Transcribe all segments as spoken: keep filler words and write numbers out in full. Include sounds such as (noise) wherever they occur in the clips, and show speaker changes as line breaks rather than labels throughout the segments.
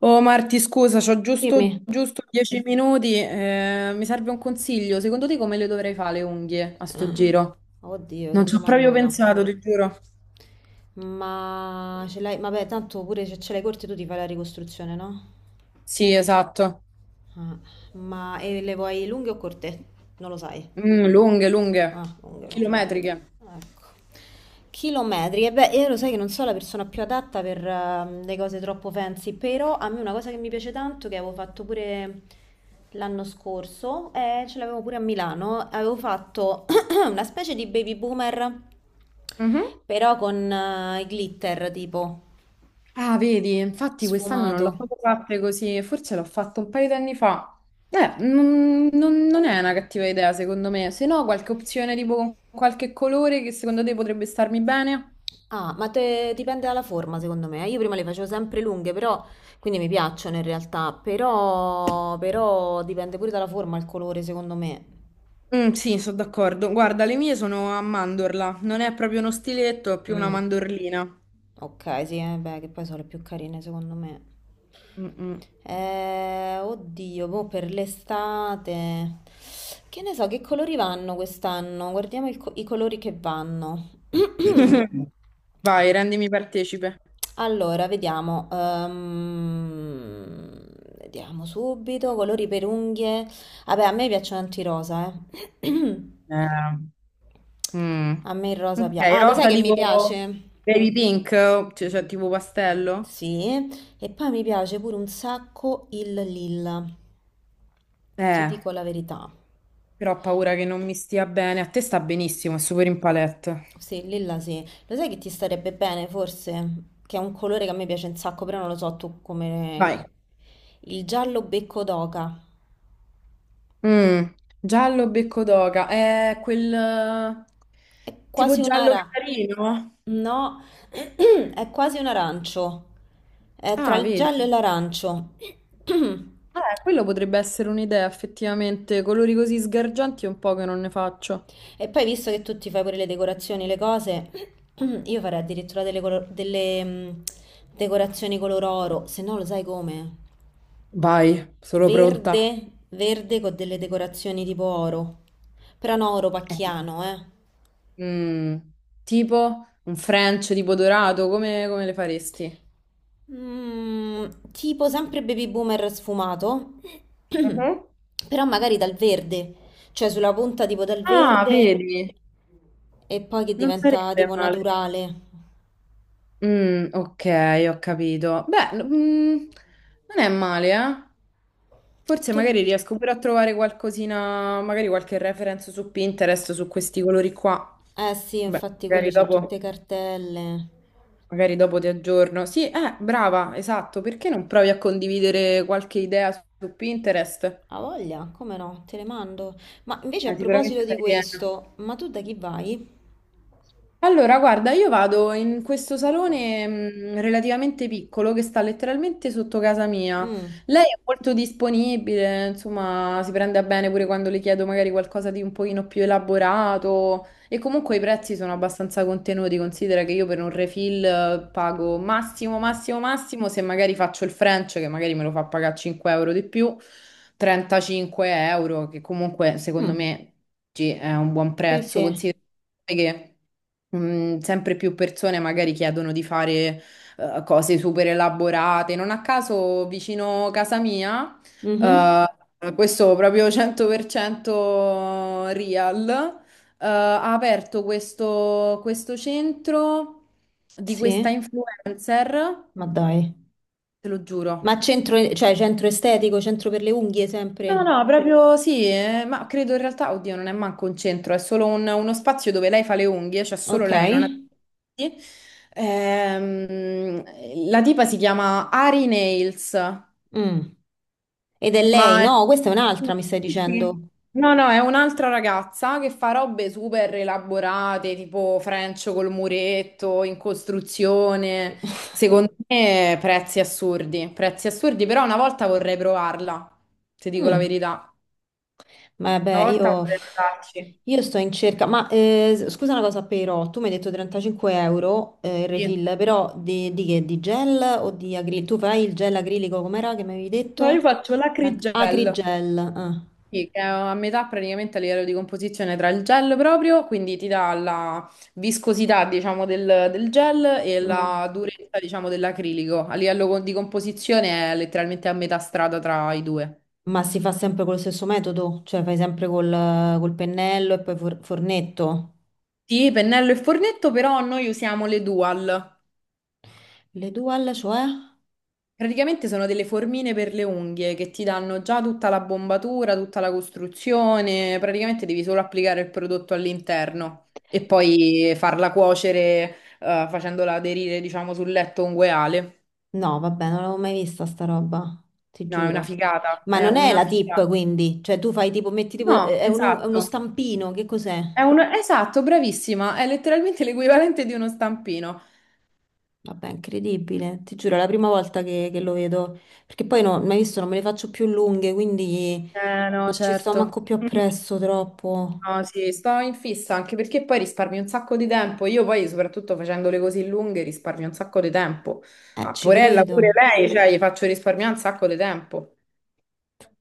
Oh Marti, scusa, c'ho giusto,
Dimmi.
giusto dieci minuti. eh, mi serve un consiglio. Secondo te come le dovrei fare le unghie a sto
Eh,
giro?
Oddio,
Non
che
ci ho proprio
domandona.
pensato, ti giuro.
Ma ce l'hai, vabbè, tanto pure se ce l'hai corte tu ti fai la ricostruzione, no?
Sì, esatto.
Ah, ma e le vuoi lunghe o corte? Non lo sai.
Mm, lunghe,
Ah,
lunghe,
lunghe, lunghe.
chilometriche.
Ecco. Chilometri. E beh, io lo sai che non sono la persona più adatta per ehm, le cose troppo fancy, però a me una cosa che mi piace tanto, che avevo fatto pure l'anno scorso, e ce l'avevo pure a Milano, avevo fatto (clears throat) una specie di baby boomer,
Mhm.
però con eh, i glitter tipo
Ah, vedi, infatti quest'anno non l'ho
sfumato.
proprio fatte così, forse l'ho fatto un paio di anni fa. Eh, non, non- non è una cattiva idea, secondo me. Se no, qualche opzione tipo con qualche colore che secondo te potrebbe starmi bene?
Ah, ma te- dipende dalla forma, secondo me. Io prima le facevo sempre lunghe, però quindi mi piacciono in realtà, però, però dipende pure dalla forma, il colore, secondo me.
Mm, sì, sono d'accordo. Guarda, le mie sono a mandorla, non è proprio uno stiletto, è più una
Mm.
mandorlina.
Ok, sì, eh, beh, che poi sono le più carine, secondo me.
Mm, mm.
Eh, oddio, boh, per l'estate. Che ne so, che colori vanno quest'anno? Guardiamo il co- i colori che vanno. (clears throat)
(laughs) Vai, rendimi partecipe.
Allora, vediamo. ehm, vediamo subito. Colori per unghie. Vabbè, a me piacciono tanto i rosa, eh. (clears throat)
Eh, mm.
A me il rosa
Ok,
piace. Ah, lo sai
rosa
che mi
tipo
piace?
baby pink, cioè, cioè tipo pastello.
Sì. E poi mi piace pure un sacco il lilla. Ti
Eh,
dico la verità.
però ho paura che non mi stia bene. A te sta benissimo, è super in palette.
Sì, il lilla sì. Lo sai che ti starebbe bene, forse? Che è un colore che a me piace un sacco, però non lo so tu
Vai.
come... Il giallo becco d'oca.
Mm, Giallo becco d'oca, è quel eh,
È
tipo
quasi una
giallo
ra...
carino.
No, (clears throat) è quasi un arancio. È tra
Ah,
il giallo e
vedi.
l'arancio. (clears throat)
Eh, quello potrebbe essere un'idea, effettivamente. Colori così sgargianti è un po' che non ne faccio.
E poi, visto che tu ti fai pure le decorazioni, le cose, (clears throat) io farei addirittura delle, colo- delle, mh, decorazioni color oro, se no lo sai come?
Vai, sono pronta.
Verde, verde con delle decorazioni tipo oro. Però no, oro
Eh.
pacchiano, eh.
Mm, tipo un French tipo dorato, come, come le faresti?
Mm, tipo sempre baby boomer sfumato,
Mhm.
(clears throat) però magari dal verde, cioè sulla punta tipo dal
Ah,
verde
vedi,
e poi che
non
diventa
sarebbe
tipo
male.
naturale.
Mm, ok, ho capito. Beh, n- mm, non è male, eh? Forse
Tu...
magari riesco pure a trovare qualcosina, magari qualche reference su Pinterest su questi colori qua.
Eh sì,
Beh,
infatti
magari
quelli c'ho tutte
dopo.
cartelle.
Magari dopo ti aggiorno. Sì, eh, brava, esatto. Perché non provi a condividere qualche idea su su Pinterest?
A voglia, come no, te le mando. Ma invece a
Eh,
proposito
sicuramente
di
fai piena.
questo, ma tu da chi vai?
Allora, guarda, io vado in questo salone mh, relativamente piccolo che sta letteralmente sotto casa mia.
Mm.
Lei è molto disponibile, insomma, si prende a bene pure quando le chiedo magari qualcosa di un pochino più elaborato e comunque i prezzi sono abbastanza contenuti. Considera che io per un refill eh, pago massimo, massimo, massimo, se magari faccio il French, che magari me lo fa pagare cinque euro di più, trentacinque euro, che comunque secondo
Mm.
me. Sì, è un buon
Sì,
prezzo,
sì.
considera che mm, sempre più persone magari chiedono di fare eh, cose super elaborate. Non a caso, vicino casa mia,
Mhm.
eh, questo proprio cento per cento real, eh, ha aperto questo, questo centro di questa
Sì,
influencer,
ma dai.
te lo
Ma
giuro.
centro, cioè centro estetico, centro per le unghie
No, no,
sempre?
no, proprio sì, eh, ma credo in realtà, oddio, non è manco un centro, è solo un- uno spazio dove lei fa le unghie, cioè solo
Ok.
lei, non ha. Sì. Ehm, la tipa si chiama Ari Nails,
Mm. Ed è lei?
ma è.
No, questa è un'altra, mi stai
Sì.
dicendo.
No, no, è un'altra ragazza che fa robe super elaborate, tipo French col muretto, in costruzione,
(laughs)
secondo me prezzi assurdi, prezzi assurdi, però una volta vorrei provarla, se dico la
Mm.
verità. Una
Vabbè,
volta
io,
vorrei andarci.
io sto in cerca. Ma eh, scusa una cosa, però, tu mi hai detto trentacinque euro eh, il
Sì,
refill, però di, di che? Di gel o di acrilico? Tu fai il gel acrilico, com'era che mi avevi
no,
detto?
io faccio
Ac-
l'acrigel.
Acrigel. Ah.
Sì, che è a metà praticamente a livello di composizione tra il gel proprio, quindi ti dà la viscosità, diciamo, del, del gel e
Mm.
la durezza, diciamo, dell'acrilico. A livello co- di composizione è letteralmente a metà strada tra i due.
Ma si fa sempre col stesso metodo? Cioè fai sempre col, col pennello e poi for- fornetto?
Sì, pennello e fornetto, però noi usiamo le Dual.
Le dual, cioè?
Praticamente sono delle formine per le unghie che ti danno già tutta la bombatura, tutta la costruzione, praticamente devi solo applicare il prodotto all'interno e poi farla cuocere, eh, facendola aderire, diciamo, sul letto ungueale.
No, vabbè, non l'avevo mai vista sta roba, ti
No, è una
giuro.
figata,
Ma
è
non è
una
la tip,
figata.
quindi, cioè tu fai tipo, metti tipo,
No,
eh, è un- è uno
esatto.
stampino, che cos'è?
È un. Esatto, bravissima, è letteralmente l'equivalente di uno stampino.
Vabbè, incredibile, ti giuro, è la prima volta che, che lo vedo, perché poi no, mai visto, non me le faccio più lunghe, quindi
Eh no,
non ci sto
certo.
manco più
(laughs)
appresso troppo.
No, sì, sto in fissa anche perché poi risparmi un sacco di tempo. Io poi, soprattutto facendole così lunghe, risparmio un sacco di tempo.
Eh,
Ma
ci
Porella pure
credo.
lei, cioè, gli faccio risparmiare un sacco di tempo.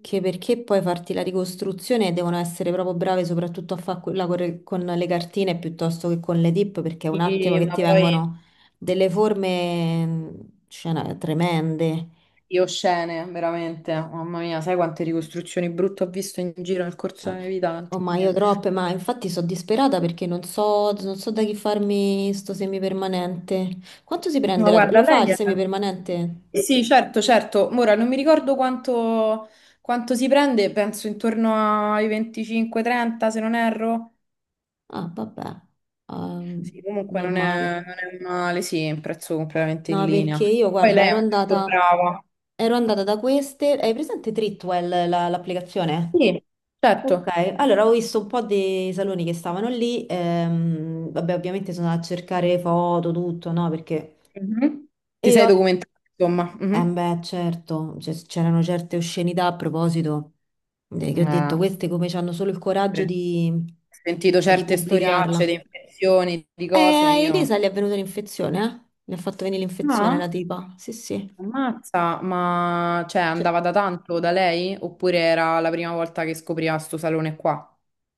Che perché poi farti la ricostruzione devono essere proprio brave soprattutto a fare quella corre- con le cartine piuttosto che con le dip, perché è un attimo
Sì,
che
ma
ti
poi
vengono delle forme, mh, cioè, no, tremende.
io scene, veramente. Mamma mia, sai quante ricostruzioni brutte ho visto in giro nel corso
Ma-
della mia vita?
Oh, ma io troppe, ma infatti sono disperata perché non so, non so da chi farmi sto semipermanente. Quanto si prende
Ma
la tua?
guarda,
Lo fa il
lei è.
semipermanente?
Sì, certo, certo. Ora non mi ricordo quanto, quanto si prende, penso intorno ai venticinque trenta, se non erro.
Ah, vabbè, ehm,
Sì, comunque non
normale.
è, non è male, sì, è un prezzo completamente in
No,
linea.
perché io,
Poi
guarda,
lei
ero
è molto
andata,
brava.
ero andata da queste. Hai presente Tritwell, la- l'applicazione?
Sì, certo.
Ok, allora ho visto un po' dei saloni che stavano lì. ehm, vabbè, ovviamente sono andata a cercare foto, tutto, no? Perché.
Mhm. Ti
E
sei
ho.
documentato, insomma.
Eh,
Mhm.
beh, certo, cioè, c'erano certe oscenità a proposito, eh, che ho detto,
Ah,
queste come hanno solo il
sì.
coraggio
Ho
di,
sentito
cioè, di
certe storiacce di
pubblicarla.
infezioni, di
E
cose,
a
io.
Elisa gli è venuta l'infezione, eh? Le ha fatto venire l'infezione
Ah,
la tipa. Sì, sì.
ammazza, ma cioè
Cioè,
andava da tanto da lei? Oppure era la prima volta che scopriva sto salone qua?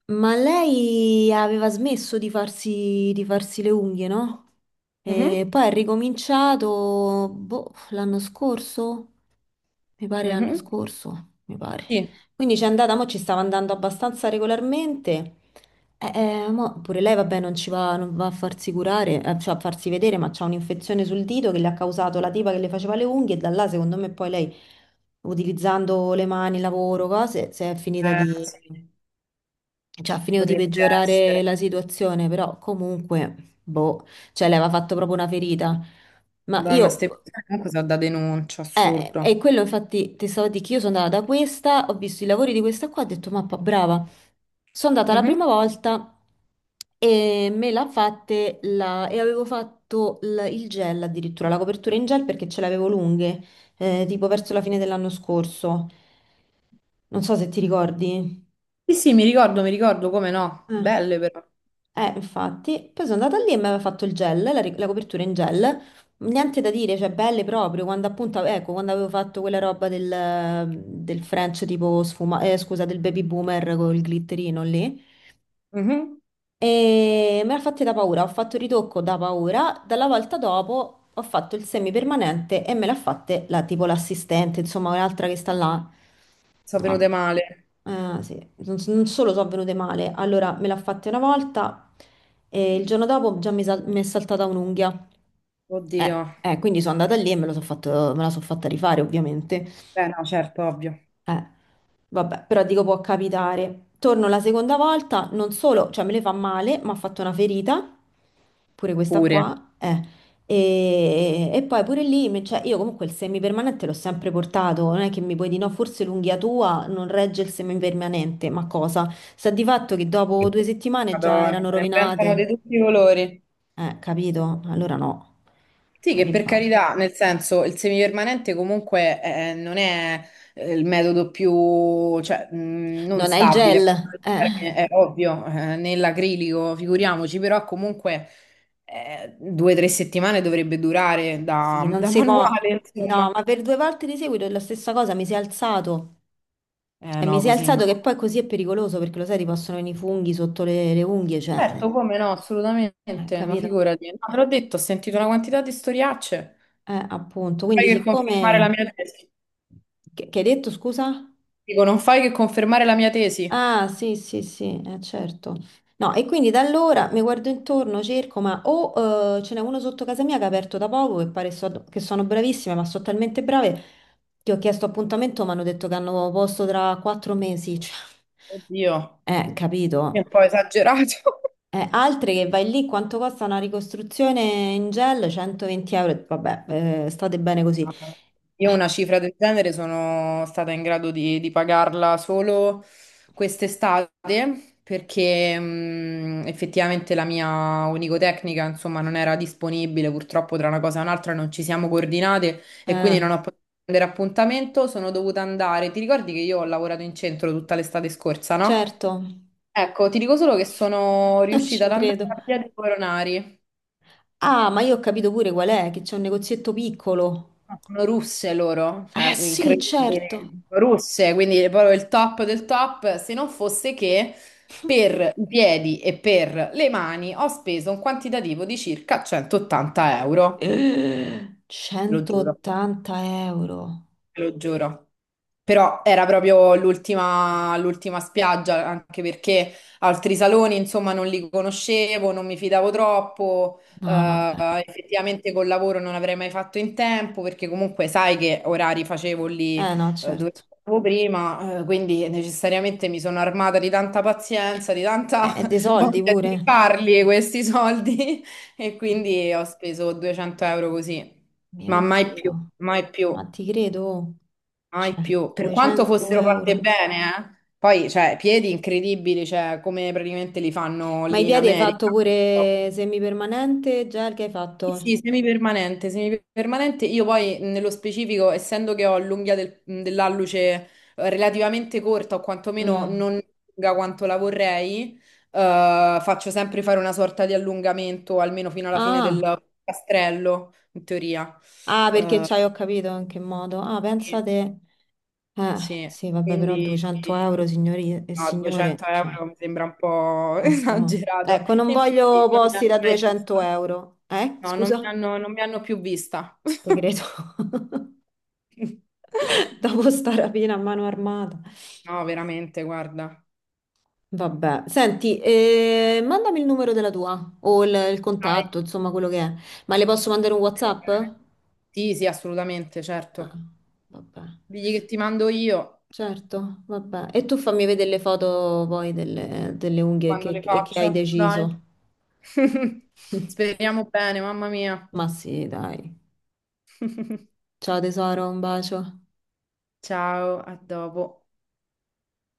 ma lei aveva smesso di farsi, di farsi le unghie, no?
Mhm.
E poi ha ricominciato, boh, l'anno scorso? Mi pare l'anno
Mhm.
scorso, mi pare.
Sì.
Quindi c'è andata, mo ci stava andando abbastanza regolarmente. Eh, eh, mo pure lei, vabbè, non ci va, non va a farsi curare, eh, cioè a farsi vedere, ma c'ha un'infezione sul dito che le ha causato la tipa che le faceva le unghie e da là, secondo me, poi lei, utilizzando le mani, lavoro, cose, si è finita
Eh,
di...
sì,
cioè ha finito di
potrebbe
peggiorare
essere.
la situazione, però comunque, boh, cioè le aveva fatto proprio una ferita. Ma
Madonna, ste
io
persone comunque sono da denuncia,
eh, e
assurdo.
quello infatti ti stavo a dire che io sono andata da questa, ho visto i lavori di questa qua, ho detto mappa brava. Sono andata la
Mhm.
prima volta e me l'ha fatte la... e avevo fatto l- il gel addirittura, la copertura in gel perché ce l'avevo lunghe, eh, tipo verso la fine dell'anno scorso. Non so se ti ricordi.
Sì, sì, mi ricordo, mi ricordo, come no.
Eh.
Belle però.
Eh, infatti, poi sono andata lì e mi aveva fatto il gel, la, ri- la copertura in gel, niente da dire, cioè belle proprio, quando appunto, ecco, quando avevo fatto quella roba del, del French tipo sfuma, eh, scusa, del baby boomer col glitterino lì,
Mhm.
e me l'ha fatta da paura, ho fatto il ritocco da paura, dalla volta dopo ho fatto il semipermanente e me l'ha fatta la, tipo l'assistente, insomma un'altra che sta là.
Sono venute
No,
male.
eh, sì. Non, non solo sono venute male, allora me l'ha fatta una volta e il giorno dopo già mi, sal- mi è saltata un'unghia.
Oddio.
Eh, eh, quindi sono andata lì e me lo so fatto- me la sono fatta rifare ovviamente.
Beh, no, certo, ovvio.
Eh. Vabbè, però dico può capitare. Torno la seconda volta, non solo, cioè me le fa male, ma ha fatto una ferita, pure questa
Pure.
qua, eh. E, e poi pure lì, me- cioè, io comunque il semipermanente l'ho sempre portato, non è che mi puoi dire no, forse l'unghia tua non regge il semipermanente, ma cosa? Sta di fatto che dopo due settimane già
Madonna,
erano
se ne inventano
rovinate,
di tutti i colori.
eh, capito? Allora no,
Sì, che
quindi
per
basta.
carità, nel senso, il semipermanente comunque eh, non è eh, il metodo più, cioè, mh, non
Non hai il gel,
stabile,
eh.
è ovvio, eh, nell'acrilico, figuriamoci, però comunque eh, due o tre settimane dovrebbe durare
Sì,
da, (laughs)
non
da
si può.
manuale,
No,
insomma.
ma per due volte di seguito è la stessa cosa, mi si è alzato.
Eh
Cioè, mi
no,
si è
così no.
alzato che poi così è pericoloso perché lo sai, ti possono venire i funghi sotto le, le unghie, cioè,
Certo, come no,
eh,
assolutamente, ma
capito?
figurati. No, te l'ho detto, ho sentito una quantità di storiacce.
Eh, appunto.
Fai
Quindi,
che confermare la
siccome...
mia tesi.
Che, che hai detto, scusa?
Dico, non fai che confermare la mia tesi.
Ah, sì, sì, sì, eh, certo. No, e quindi da allora mi guardo intorno, cerco, ma o eh, ce n'è uno sotto casa mia che ha aperto da poco e pare so- che sono bravissime, ma sono talmente brave che ho chiesto appuntamento, ma hanno detto che hanno posto tra quattro mesi. (laughs) Cioè,
Oddio.
eh,
È un
capito?
po' esagerato. (laughs)
Eh, altre che vai lì, quanto costa una ricostruzione in gel? centoventi euro. Vabbè, eh, state bene così.
Ah, io una
Ecco,
cifra del genere sono stata in grado di, di pagarla solo quest'estate perché mh, effettivamente la mia onicotecnica, insomma, non era disponibile, purtroppo tra una cosa e un'altra non ci siamo coordinate e quindi
eh,
non ho potuto prendere appuntamento, sono dovuta andare. Ti ricordi che io ho lavorato in centro tutta l'estate scorsa, no?
certo, (laughs)
Ecco, ti dico solo che sono
non
riuscita
ci
ad andare
credo.
a Via dei Coronari.
Ah, ma io ho capito pure qual è, che c'è un negozietto piccolo.
Sono russe loro,
Eh
cioè
sì, certo.
incredibile, russe, quindi è proprio il top del top, se non fosse che per i piedi e per le mani ho speso un quantitativo di circa centottanta euro,
Eh,
lo giuro
centottanta euro.
te lo giuro. Però era proprio l'ultima l'ultima spiaggia, anche perché altri saloni, insomma, non li conoscevo, non mi fidavo troppo.
No, vabbè.
eh, effettivamente col lavoro non avrei mai fatto in tempo, perché comunque sai che orari facevo lì,
Eh no,
eh,
certo.
dove stavo prima, eh, quindi necessariamente mi sono armata di tanta pazienza, di
Eh,
tanta
è dei
(laughs)
soldi
voglia di
pure.
farli questi soldi, (laughs) e quindi ho speso duecento euro così,
Mio
ma mai più,
Dio,
mai più.
ma ti credo.
Mai
Cioè,
più, per quanto
200
fossero fatte
euro.
bene, eh. Poi, cioè, piedi incredibili, cioè, come praticamente li fanno
Ma i
lì in
piedi hai fatto
America.
pure semipermanente? Gel che hai
Sì, sì,
fatto?
semipermanente, semipermanente. Io poi, nello specifico, essendo che ho l'unghia del- dell'alluce eh, relativamente corta, o quantomeno
Mm.
non lunga quanto la vorrei, eh, faccio sempre fare una sorta di allungamento, almeno fino alla fine
Ah.
del castrello, in teoria.
Ah, perché
Eh,
c'hai, ho capito in che modo. Ah,
sì.
pensate. Eh,
Sì,
sì, vabbè, però
quindi
duecento euro, signori e
no, 200
signore, cioè,
euro mi sembra un po' (laughs)
non si può.
esagerato.
Ecco, non
E infatti
voglio
non mi
posti
hanno
da
mai
200
vista.
euro. Eh,
No, non mi
scusa,
hanno, non mi hanno più vista.
te credo.
(laughs)
(laughs) Dopo sta rapina a mano armata.
No, veramente, guarda.
Vabbè, senti, eh, mandami il numero della tua o il, il
Dai.
contatto, insomma, quello che è. Ma le posso mandare un
Dai,
WhatsApp?
bene.
Ah,
Sì, sì, assolutamente, certo.
vabbè,
Digli che ti mando io
certo, vabbè. E tu fammi vedere le foto poi delle, delle unghie
quando
che
le
che- che hai
faccio. Dai.
deciso.
(laughs)
(laughs)
Speriamo bene, mamma mia.
Ma sì, dai.
(laughs)
Ciao tesoro, un bacio.
Ciao, a dopo.